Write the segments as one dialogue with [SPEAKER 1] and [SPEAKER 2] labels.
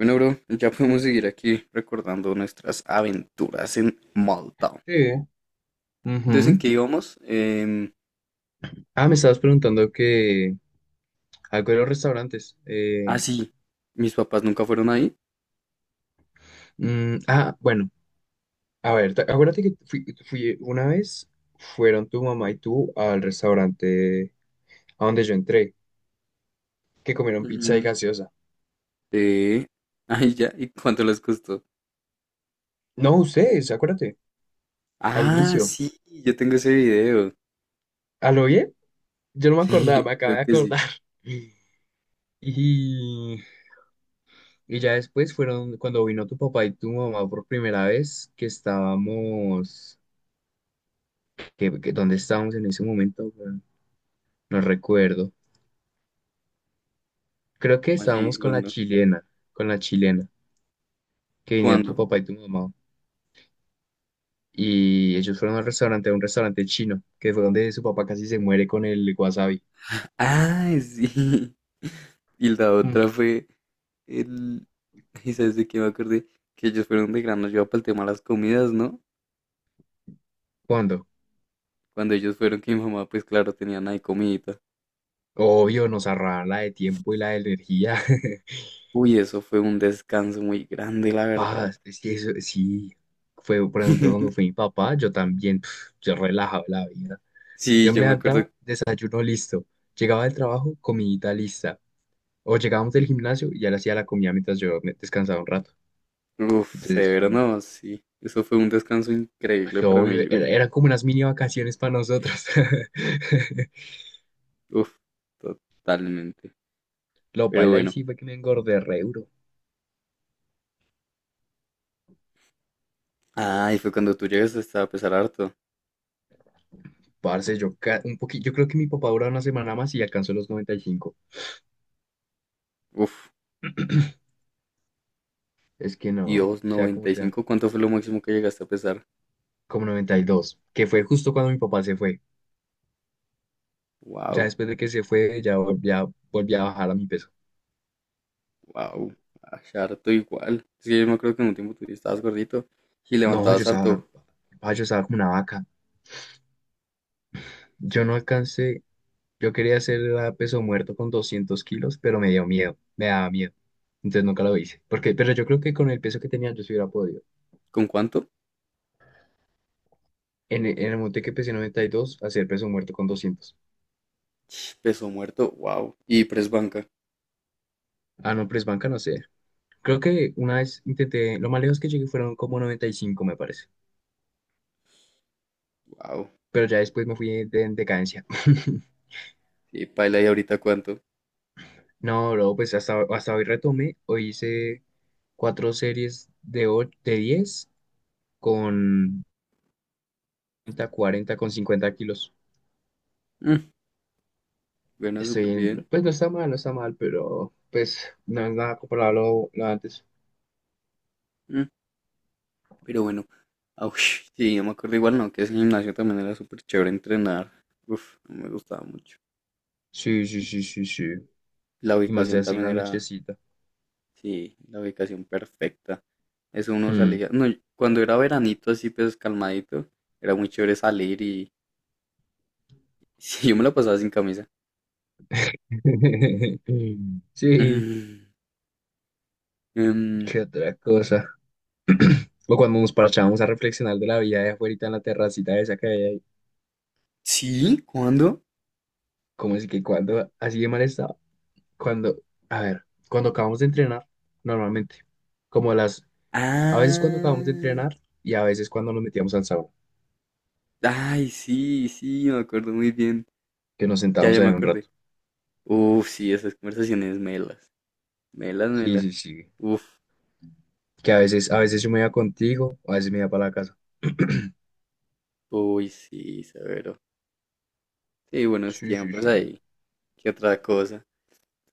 [SPEAKER 1] Bueno, bro, ya podemos seguir aquí recordando nuestras aventuras en Malta.
[SPEAKER 2] Sí.
[SPEAKER 1] Entonces, ¿en
[SPEAKER 2] Ujú.
[SPEAKER 1] qué íbamos?
[SPEAKER 2] Ah, me estabas preguntando que algo de los restaurantes.
[SPEAKER 1] Ah, sí, mis papás nunca fueron ahí.
[SPEAKER 2] Ah, bueno, a ver, acuérdate que fui una vez, fueron tu mamá y tú al restaurante a donde yo entré, que comieron pizza y
[SPEAKER 1] Ujú.
[SPEAKER 2] gaseosa.
[SPEAKER 1] Eh, ay, ya, ¿y cuánto les costó?
[SPEAKER 2] No, ustedes, acuérdate, al
[SPEAKER 1] Ah,
[SPEAKER 2] inicio.
[SPEAKER 1] sí, yo tengo ese video.
[SPEAKER 2] ¿A lo bien? Yo no me
[SPEAKER 1] Sí,
[SPEAKER 2] acordaba, me acabé
[SPEAKER 1] creo
[SPEAKER 2] de
[SPEAKER 1] que sí.
[SPEAKER 2] acordar. Y, y ya después fueron cuando vino tu papá y tu mamá por primera vez, que estábamos, ¿dónde estábamos en ese momento? No recuerdo. Creo que
[SPEAKER 1] ¿Cómo así?
[SPEAKER 2] estábamos
[SPEAKER 1] ¿Cuándo?
[SPEAKER 2] con la chilena, que vinieron tu
[SPEAKER 1] ¿Cuándo?
[SPEAKER 2] papá y tu mamá. Y ellos fueron al restaurante, a un restaurante chino, que fue donde su papá casi se muere con el wasabi.
[SPEAKER 1] Ah, sí. Y la
[SPEAKER 2] Mm.
[SPEAKER 1] otra fue el... ¿Y sabes de qué me acordé? Que ellos fueron de gran nos para el tema de las comidas, ¿no?
[SPEAKER 2] ¿Cuándo?
[SPEAKER 1] Cuando ellos fueron que mi mamá, pues claro, tenían ahí comidita.
[SPEAKER 2] Obvio, nos ahorraban la de tiempo y la de energía.
[SPEAKER 1] Uy, eso fue un descanso muy grande, la verdad.
[SPEAKER 2] Paz, es que eso sí. Fue, por ejemplo, cuando fue mi papá, yo también, pf, yo relajaba la vida.
[SPEAKER 1] Sí,
[SPEAKER 2] Yo me
[SPEAKER 1] yo me acuerdo,
[SPEAKER 2] levantaba, desayuno listo. Llegaba del trabajo, comidita lista. O llegábamos del gimnasio y ya le hacía la comida mientras yo me descansaba un rato.
[SPEAKER 1] uf,
[SPEAKER 2] Entonces,
[SPEAKER 1] severo,
[SPEAKER 2] chimbo.
[SPEAKER 1] no, sí. Eso fue un descanso
[SPEAKER 2] Pues,
[SPEAKER 1] increíble para mí,
[SPEAKER 2] obvio, era,
[SPEAKER 1] uy,
[SPEAKER 2] era como unas mini vacaciones para nosotros.
[SPEAKER 1] uf, totalmente.
[SPEAKER 2] Lo
[SPEAKER 1] Pero
[SPEAKER 2] paila y
[SPEAKER 1] bueno,
[SPEAKER 2] sí fue que me engordé re duro.
[SPEAKER 1] ah, y fue cuando tú llegaste hasta a pesar harto.
[SPEAKER 2] Parce, yo, un poquito, yo creo que mi papá duró una semana más y alcanzó los 95.
[SPEAKER 1] Uf,
[SPEAKER 2] Es que no,
[SPEAKER 1] Dios,
[SPEAKER 2] sea,
[SPEAKER 1] 95, ¿cuánto fue lo máximo que llegaste a pesar?
[SPEAKER 2] como 92 que fue justo cuando mi papá se fue. Ya
[SPEAKER 1] Wow,
[SPEAKER 2] después de que se fue, ya volví a bajar a mi peso.
[SPEAKER 1] wow, harto igual. Es que yo me acuerdo que en un tiempo tú estabas gordito y
[SPEAKER 2] No, yo
[SPEAKER 1] levantabas
[SPEAKER 2] estaba,
[SPEAKER 1] harto.
[SPEAKER 2] ah, yo estaba como una vaca. Yo no alcancé, yo quería hacer la peso muerto con 200 kilos, pero me dio miedo, me daba miedo. Entonces nunca lo hice. Porque, pero yo creo que con el peso que tenía yo sí hubiera podido.
[SPEAKER 1] ¿Con cuánto?
[SPEAKER 2] En, en el monte que pesé 92, hacer peso muerto con 200.
[SPEAKER 1] Peso muerto, wow. Y press banca,
[SPEAKER 2] Ah, no, press banca no sé. Creo que una vez intenté, lo más lejos que llegué fueron como 95 me parece.
[SPEAKER 1] wow.
[SPEAKER 2] Pero ya después me fui en decadencia.
[SPEAKER 1] Y Paila, ¿y ahorita cuánto?
[SPEAKER 2] No, bro, pues hasta hoy retomé. Hoy hice cuatro series de 10, con 30, 40, con 50 kilos.
[SPEAKER 1] Mm, bueno, súper bien.
[SPEAKER 2] Pues no está mal, no está mal, pero pues no es nada comparable a lo antes.
[SPEAKER 1] Mm, pero bueno, au, sí, yo me acuerdo igual, no, que ese gimnasio también era súper chévere entrenar. Uf, no me gustaba mucho.
[SPEAKER 2] Sí, sí, sí, sí, sí.
[SPEAKER 1] La
[SPEAKER 2] Y más de
[SPEAKER 1] ubicación
[SPEAKER 2] así en
[SPEAKER 1] también
[SPEAKER 2] la
[SPEAKER 1] era,
[SPEAKER 2] nochecita.
[SPEAKER 1] sí, la ubicación perfecta. Eso uno
[SPEAKER 2] Hmm.
[SPEAKER 1] salía, no, y cuando era veranito así, pues calmadito, era muy chévere salir y sí, yo me la pasaba sin camisa.
[SPEAKER 2] Sí,
[SPEAKER 1] Mm, em,
[SPEAKER 2] qué otra cosa. O cuando nos parchábamos a reflexionar de la vida de afuera en la terracita esa que había ahí.
[SPEAKER 1] sí, ¿cuándo?
[SPEAKER 2] Como es que cuando así de mal estaba? Cuando, a ver, cuando acabamos de entrenar, normalmente. Como las, a veces cuando acabamos de
[SPEAKER 1] Ah.
[SPEAKER 2] entrenar y a veces cuando nos metíamos al sauna,
[SPEAKER 1] Ay, sí, sí, me acuerdo muy bien.
[SPEAKER 2] que nos
[SPEAKER 1] Ya,
[SPEAKER 2] sentábamos
[SPEAKER 1] ya
[SPEAKER 2] ahí
[SPEAKER 1] me
[SPEAKER 2] un rato.
[SPEAKER 1] acordé. Uf, sí, esas conversaciones melas. Melas,
[SPEAKER 2] Sí,
[SPEAKER 1] melas.
[SPEAKER 2] sí, sí.
[SPEAKER 1] Uf,
[SPEAKER 2] Que a veces yo me iba contigo, a veces me iba para la casa.
[SPEAKER 1] uy, sí, severo. Sí, buenos
[SPEAKER 2] Sí, sí,
[SPEAKER 1] tiempos
[SPEAKER 2] sí.
[SPEAKER 1] ahí. ¿Qué otra cosa?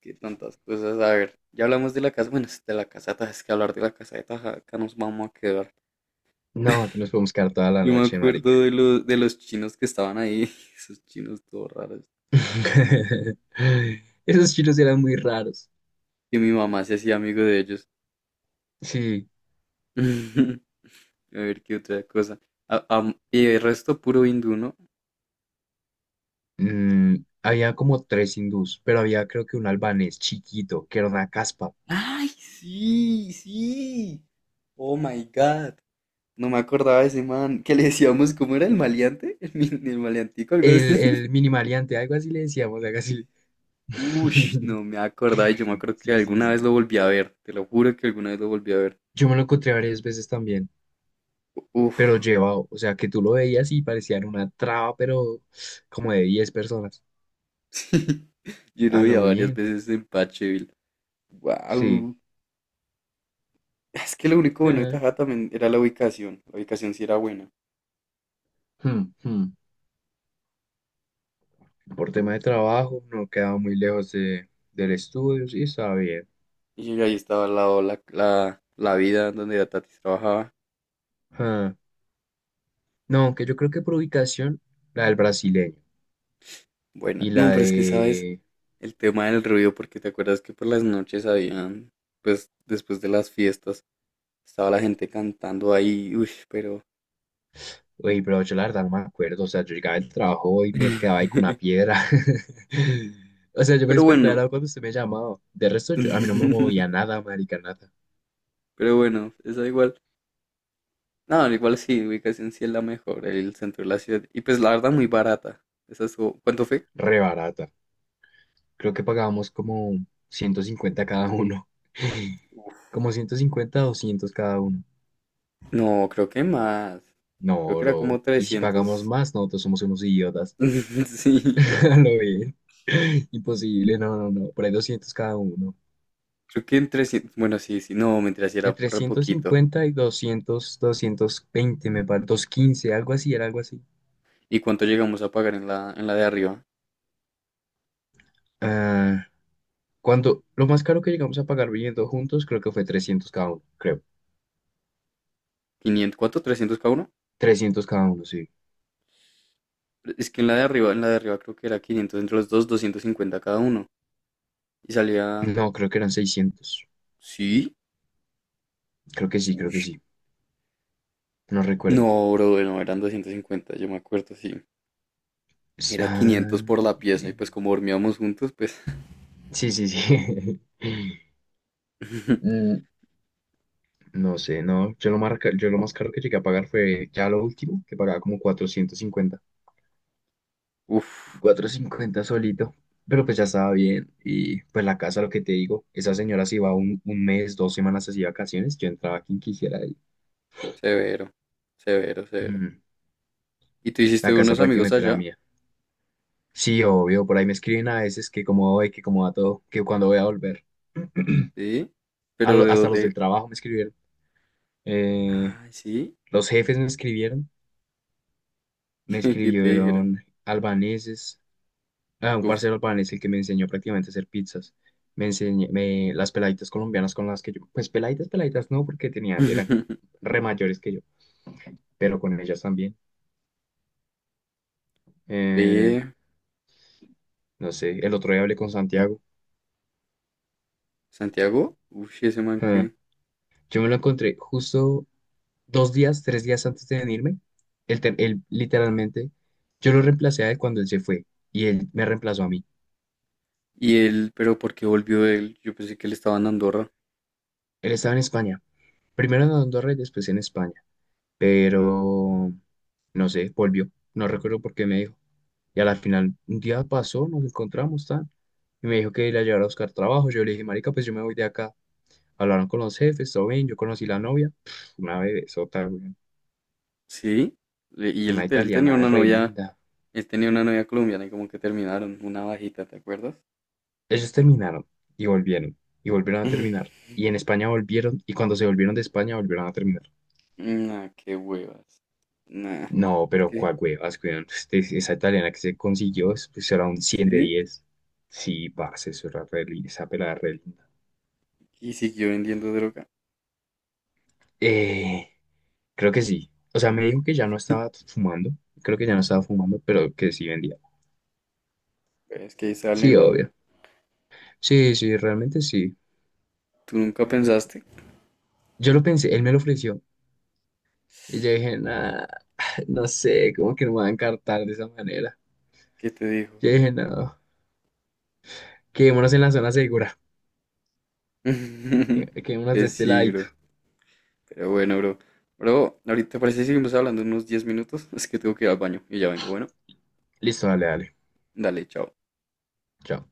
[SPEAKER 1] Qué tantas cosas. A ver, ya hablamos de la casa. Bueno, es de la casa de Taja, es que hablar de la casa de Taja, acá nos vamos a quedar.
[SPEAKER 2] No, aquí nos podemos quedar toda la
[SPEAKER 1] Yo me
[SPEAKER 2] noche,
[SPEAKER 1] acuerdo
[SPEAKER 2] marica.
[SPEAKER 1] de los chinos que estaban ahí. Esos chinos todos raros.
[SPEAKER 2] Esos chinos eran muy raros.
[SPEAKER 1] Que mi mamá se hacía amigo de ellos.
[SPEAKER 2] Sí,
[SPEAKER 1] A ver, qué otra cosa. Y el resto puro hindú, ¿no?
[SPEAKER 2] mm, había como tres hindús, pero había creo que un albanés chiquito, que era una caspa.
[SPEAKER 1] Ay, sí, sí. Oh my God. No me acordaba de ese man. Que le decíamos, ¿cómo era el maleante? El maleantico, algo así.
[SPEAKER 2] El mini maleante, algo así le decíamos, algo así.
[SPEAKER 1] Ush, no me acordaba. Y Yo me acuerdo que
[SPEAKER 2] Sí, sí,
[SPEAKER 1] alguna vez
[SPEAKER 2] sí.
[SPEAKER 1] lo volví a ver. Te lo juro que alguna vez lo volví a ver.
[SPEAKER 2] Yo me lo encontré varias veces también,
[SPEAKER 1] Uf,
[SPEAKER 2] pero llevado, o sea, que tú lo veías y parecían una traba, pero como de 10 personas.
[SPEAKER 1] sí. Yo lo
[SPEAKER 2] A
[SPEAKER 1] veía
[SPEAKER 2] lo
[SPEAKER 1] varias
[SPEAKER 2] bien,
[SPEAKER 1] veces en Pacheville.
[SPEAKER 2] sí.
[SPEAKER 1] Wow. Es que lo único bueno de
[SPEAKER 2] Mm.
[SPEAKER 1] Tajada también era la ubicación. La ubicación sí era buena.
[SPEAKER 2] Hmm, hmm. Por tema de trabajo, no quedaba muy lejos del estudio, sí, estaba bien.
[SPEAKER 1] Y ahí estaba al lado la vida donde la Tatis trabajaba.
[SPEAKER 2] Ah, no, aunque yo creo que por ubicación, la del brasileño
[SPEAKER 1] Bueno,
[SPEAKER 2] y
[SPEAKER 1] no,
[SPEAKER 2] la
[SPEAKER 1] pero es que sabes.
[SPEAKER 2] de...
[SPEAKER 1] El tema del ruido, porque te acuerdas que por las noches habían, pues después de las fiestas, estaba la gente cantando ahí, uy, pero...
[SPEAKER 2] Oye, pero yo la verdad no me acuerdo, o sea, yo llegaba del trabajo y me quedaba ahí con una piedra. O sea, yo me
[SPEAKER 1] Pero
[SPEAKER 2] despertaba
[SPEAKER 1] bueno,
[SPEAKER 2] era cuando usted me llamaba. De resto, yo, a mí no me movía nada, marica, nada.
[SPEAKER 1] pero bueno, esa igual. No, igual sí, ubicación sí es la mejor, el centro de la ciudad. Y pues la verdad muy barata. Esa estuvo- ¿Cuánto fue?
[SPEAKER 2] Re barata. Creo que pagábamos como 150 cada uno. Como 150 200 cada uno.
[SPEAKER 1] No, creo que más.
[SPEAKER 2] No,
[SPEAKER 1] Creo que era
[SPEAKER 2] bro.
[SPEAKER 1] como
[SPEAKER 2] Y si pagamos
[SPEAKER 1] 300.
[SPEAKER 2] más, nosotros somos unos idiotas.
[SPEAKER 1] Sí,
[SPEAKER 2] Lo bien. Imposible, no, no, no. Por ahí 200 cada uno.
[SPEAKER 1] creo que en 300. Bueno, sí, sí, no, mentira, sí era
[SPEAKER 2] Entre
[SPEAKER 1] re
[SPEAKER 2] ciento
[SPEAKER 1] poquito.
[SPEAKER 2] cincuenta y doscientos veinte me parece. 215 algo así, era algo así.
[SPEAKER 1] ¿Y cuánto llegamos a pagar en la de arriba?
[SPEAKER 2] Ah, cuando lo más caro que llegamos a pagar viviendo juntos, creo que fue 300 cada uno, creo.
[SPEAKER 1] Quinientos, ¿cuánto? ¿300 cada uno?
[SPEAKER 2] Trescientos cada uno, sí.
[SPEAKER 1] Es que en la de arriba, en la de arriba creo que era 500 entre los dos, 250 cada uno. Y salía,
[SPEAKER 2] No, creo que eran 600.
[SPEAKER 1] ¿sí?
[SPEAKER 2] Creo que sí, creo que
[SPEAKER 1] Ush.
[SPEAKER 2] sí. No recuerdo.
[SPEAKER 1] No, bro, no, eran 250, yo me acuerdo, sí.
[SPEAKER 2] S-
[SPEAKER 1] Era
[SPEAKER 2] ah,
[SPEAKER 1] quinientos por la pieza y
[SPEAKER 2] eh,
[SPEAKER 1] pues como dormíamos juntos, pues...
[SPEAKER 2] sí, sí, sí. Mm, no sé, no. Yo lo, marca, yo lo más caro que llegué a pagar fue ya lo último, que pagaba como cuatrocientos cincuenta
[SPEAKER 1] Uf,
[SPEAKER 2] cuatrocientos cincuenta solito. Pero pues ya estaba bien. Y pues la casa, lo que te digo, esa señora se iba un mes, 2 semanas así de vacaciones. Yo entraba a quien quisiera ahí.
[SPEAKER 1] severo, severo, severo.
[SPEAKER 2] Mm.
[SPEAKER 1] ¿Y tú hiciste
[SPEAKER 2] La casa
[SPEAKER 1] unos amigos
[SPEAKER 2] prácticamente era
[SPEAKER 1] allá?
[SPEAKER 2] mía. Sí, obvio, por ahí me escriben a veces que cómo voy, que cómo va todo, que cuando voy a volver.
[SPEAKER 1] Sí, pero ¿de
[SPEAKER 2] Hasta los del
[SPEAKER 1] dónde?
[SPEAKER 2] trabajo me escribieron. Eh,
[SPEAKER 1] Ah, sí,
[SPEAKER 2] los jefes me escribieron, me
[SPEAKER 1] ¿qué te dijeron?
[SPEAKER 2] escribieron albaneses, ah, un
[SPEAKER 1] Uf.
[SPEAKER 2] parcero albanés el que me enseñó prácticamente a hacer pizzas. Me enseñé, me, las peladitas colombianas con las que yo, pues peladitas, peladitas no, porque tenían, eran re mayores que yo, pero con ellas también. Eh,
[SPEAKER 1] Ve,
[SPEAKER 2] no sé, el otro día hablé con Santiago.
[SPEAKER 1] Santiago, uff, ese man
[SPEAKER 2] Ah,
[SPEAKER 1] que...
[SPEAKER 2] yo me lo encontré justo 2 días, 3 días antes de venirme. Él, él literalmente, yo lo reemplacé a él cuando él se fue y él me reemplazó a mí.
[SPEAKER 1] Y él, pero ¿por qué volvió él? Yo pensé que él estaba en Andorra.
[SPEAKER 2] Él estaba en España, primero en Andorra y después en España. Pero no sé, volvió. No recuerdo por qué me dijo. Y a la final, un día pasó, nos encontramos, tan. Y me dijo que la llevara a buscar trabajo. Yo le dije, marica, pues yo me voy de acá. Hablaron con los jefes, todo bien. Yo conocí la novia. Pf, una bebesota, güey.
[SPEAKER 1] Sí. Y
[SPEAKER 2] Una
[SPEAKER 1] él tenía
[SPEAKER 2] italiana
[SPEAKER 1] una
[SPEAKER 2] re
[SPEAKER 1] novia,
[SPEAKER 2] linda.
[SPEAKER 1] él tenía una novia colombiana y como que terminaron, una bajita, ¿te acuerdas?
[SPEAKER 2] Ellos terminaron y volvieron. Y volvieron a terminar. Y en España volvieron. Y cuando se volvieron de España, volvieron a terminar.
[SPEAKER 1] Nah, qué huevas. Nah,
[SPEAKER 2] No,
[SPEAKER 1] es
[SPEAKER 2] pero
[SPEAKER 1] que,
[SPEAKER 2] cuál huevas, weón. Esa italiana que se consiguió, pues era un cien de
[SPEAKER 1] sí.
[SPEAKER 2] diez. Sí, parce, eso era re linda, esa pelada era re linda.
[SPEAKER 1] Y siguió vendiendo droga.
[SPEAKER 2] Eh, creo que sí. O sea, me dijo que ya no estaba fumando. Creo que ya no estaba fumando, pero que sí vendía.
[SPEAKER 1] Es que ahí está el
[SPEAKER 2] Sí,
[SPEAKER 1] negocio.
[SPEAKER 2] obvio. Sí, sí, realmente sí.
[SPEAKER 1] ¿Tú nunca pensaste?
[SPEAKER 2] Yo lo pensé, él me lo ofreció. Y yo dije, nah, no sé, como que no me van a encartar de esa manera.
[SPEAKER 1] ¿Qué te dijo?
[SPEAKER 2] Yo dije, no, quedémonos en la zona segura. Quedémonos de
[SPEAKER 1] Pues
[SPEAKER 2] este
[SPEAKER 1] sí,
[SPEAKER 2] ladito.
[SPEAKER 1] bro. Pero bueno, bro. Bro, ahorita parece que seguimos hablando unos 10 minutos. Es que tengo que ir al baño y ya vengo. Bueno,
[SPEAKER 2] Listo, dale, dale.
[SPEAKER 1] dale, chao.
[SPEAKER 2] Chao.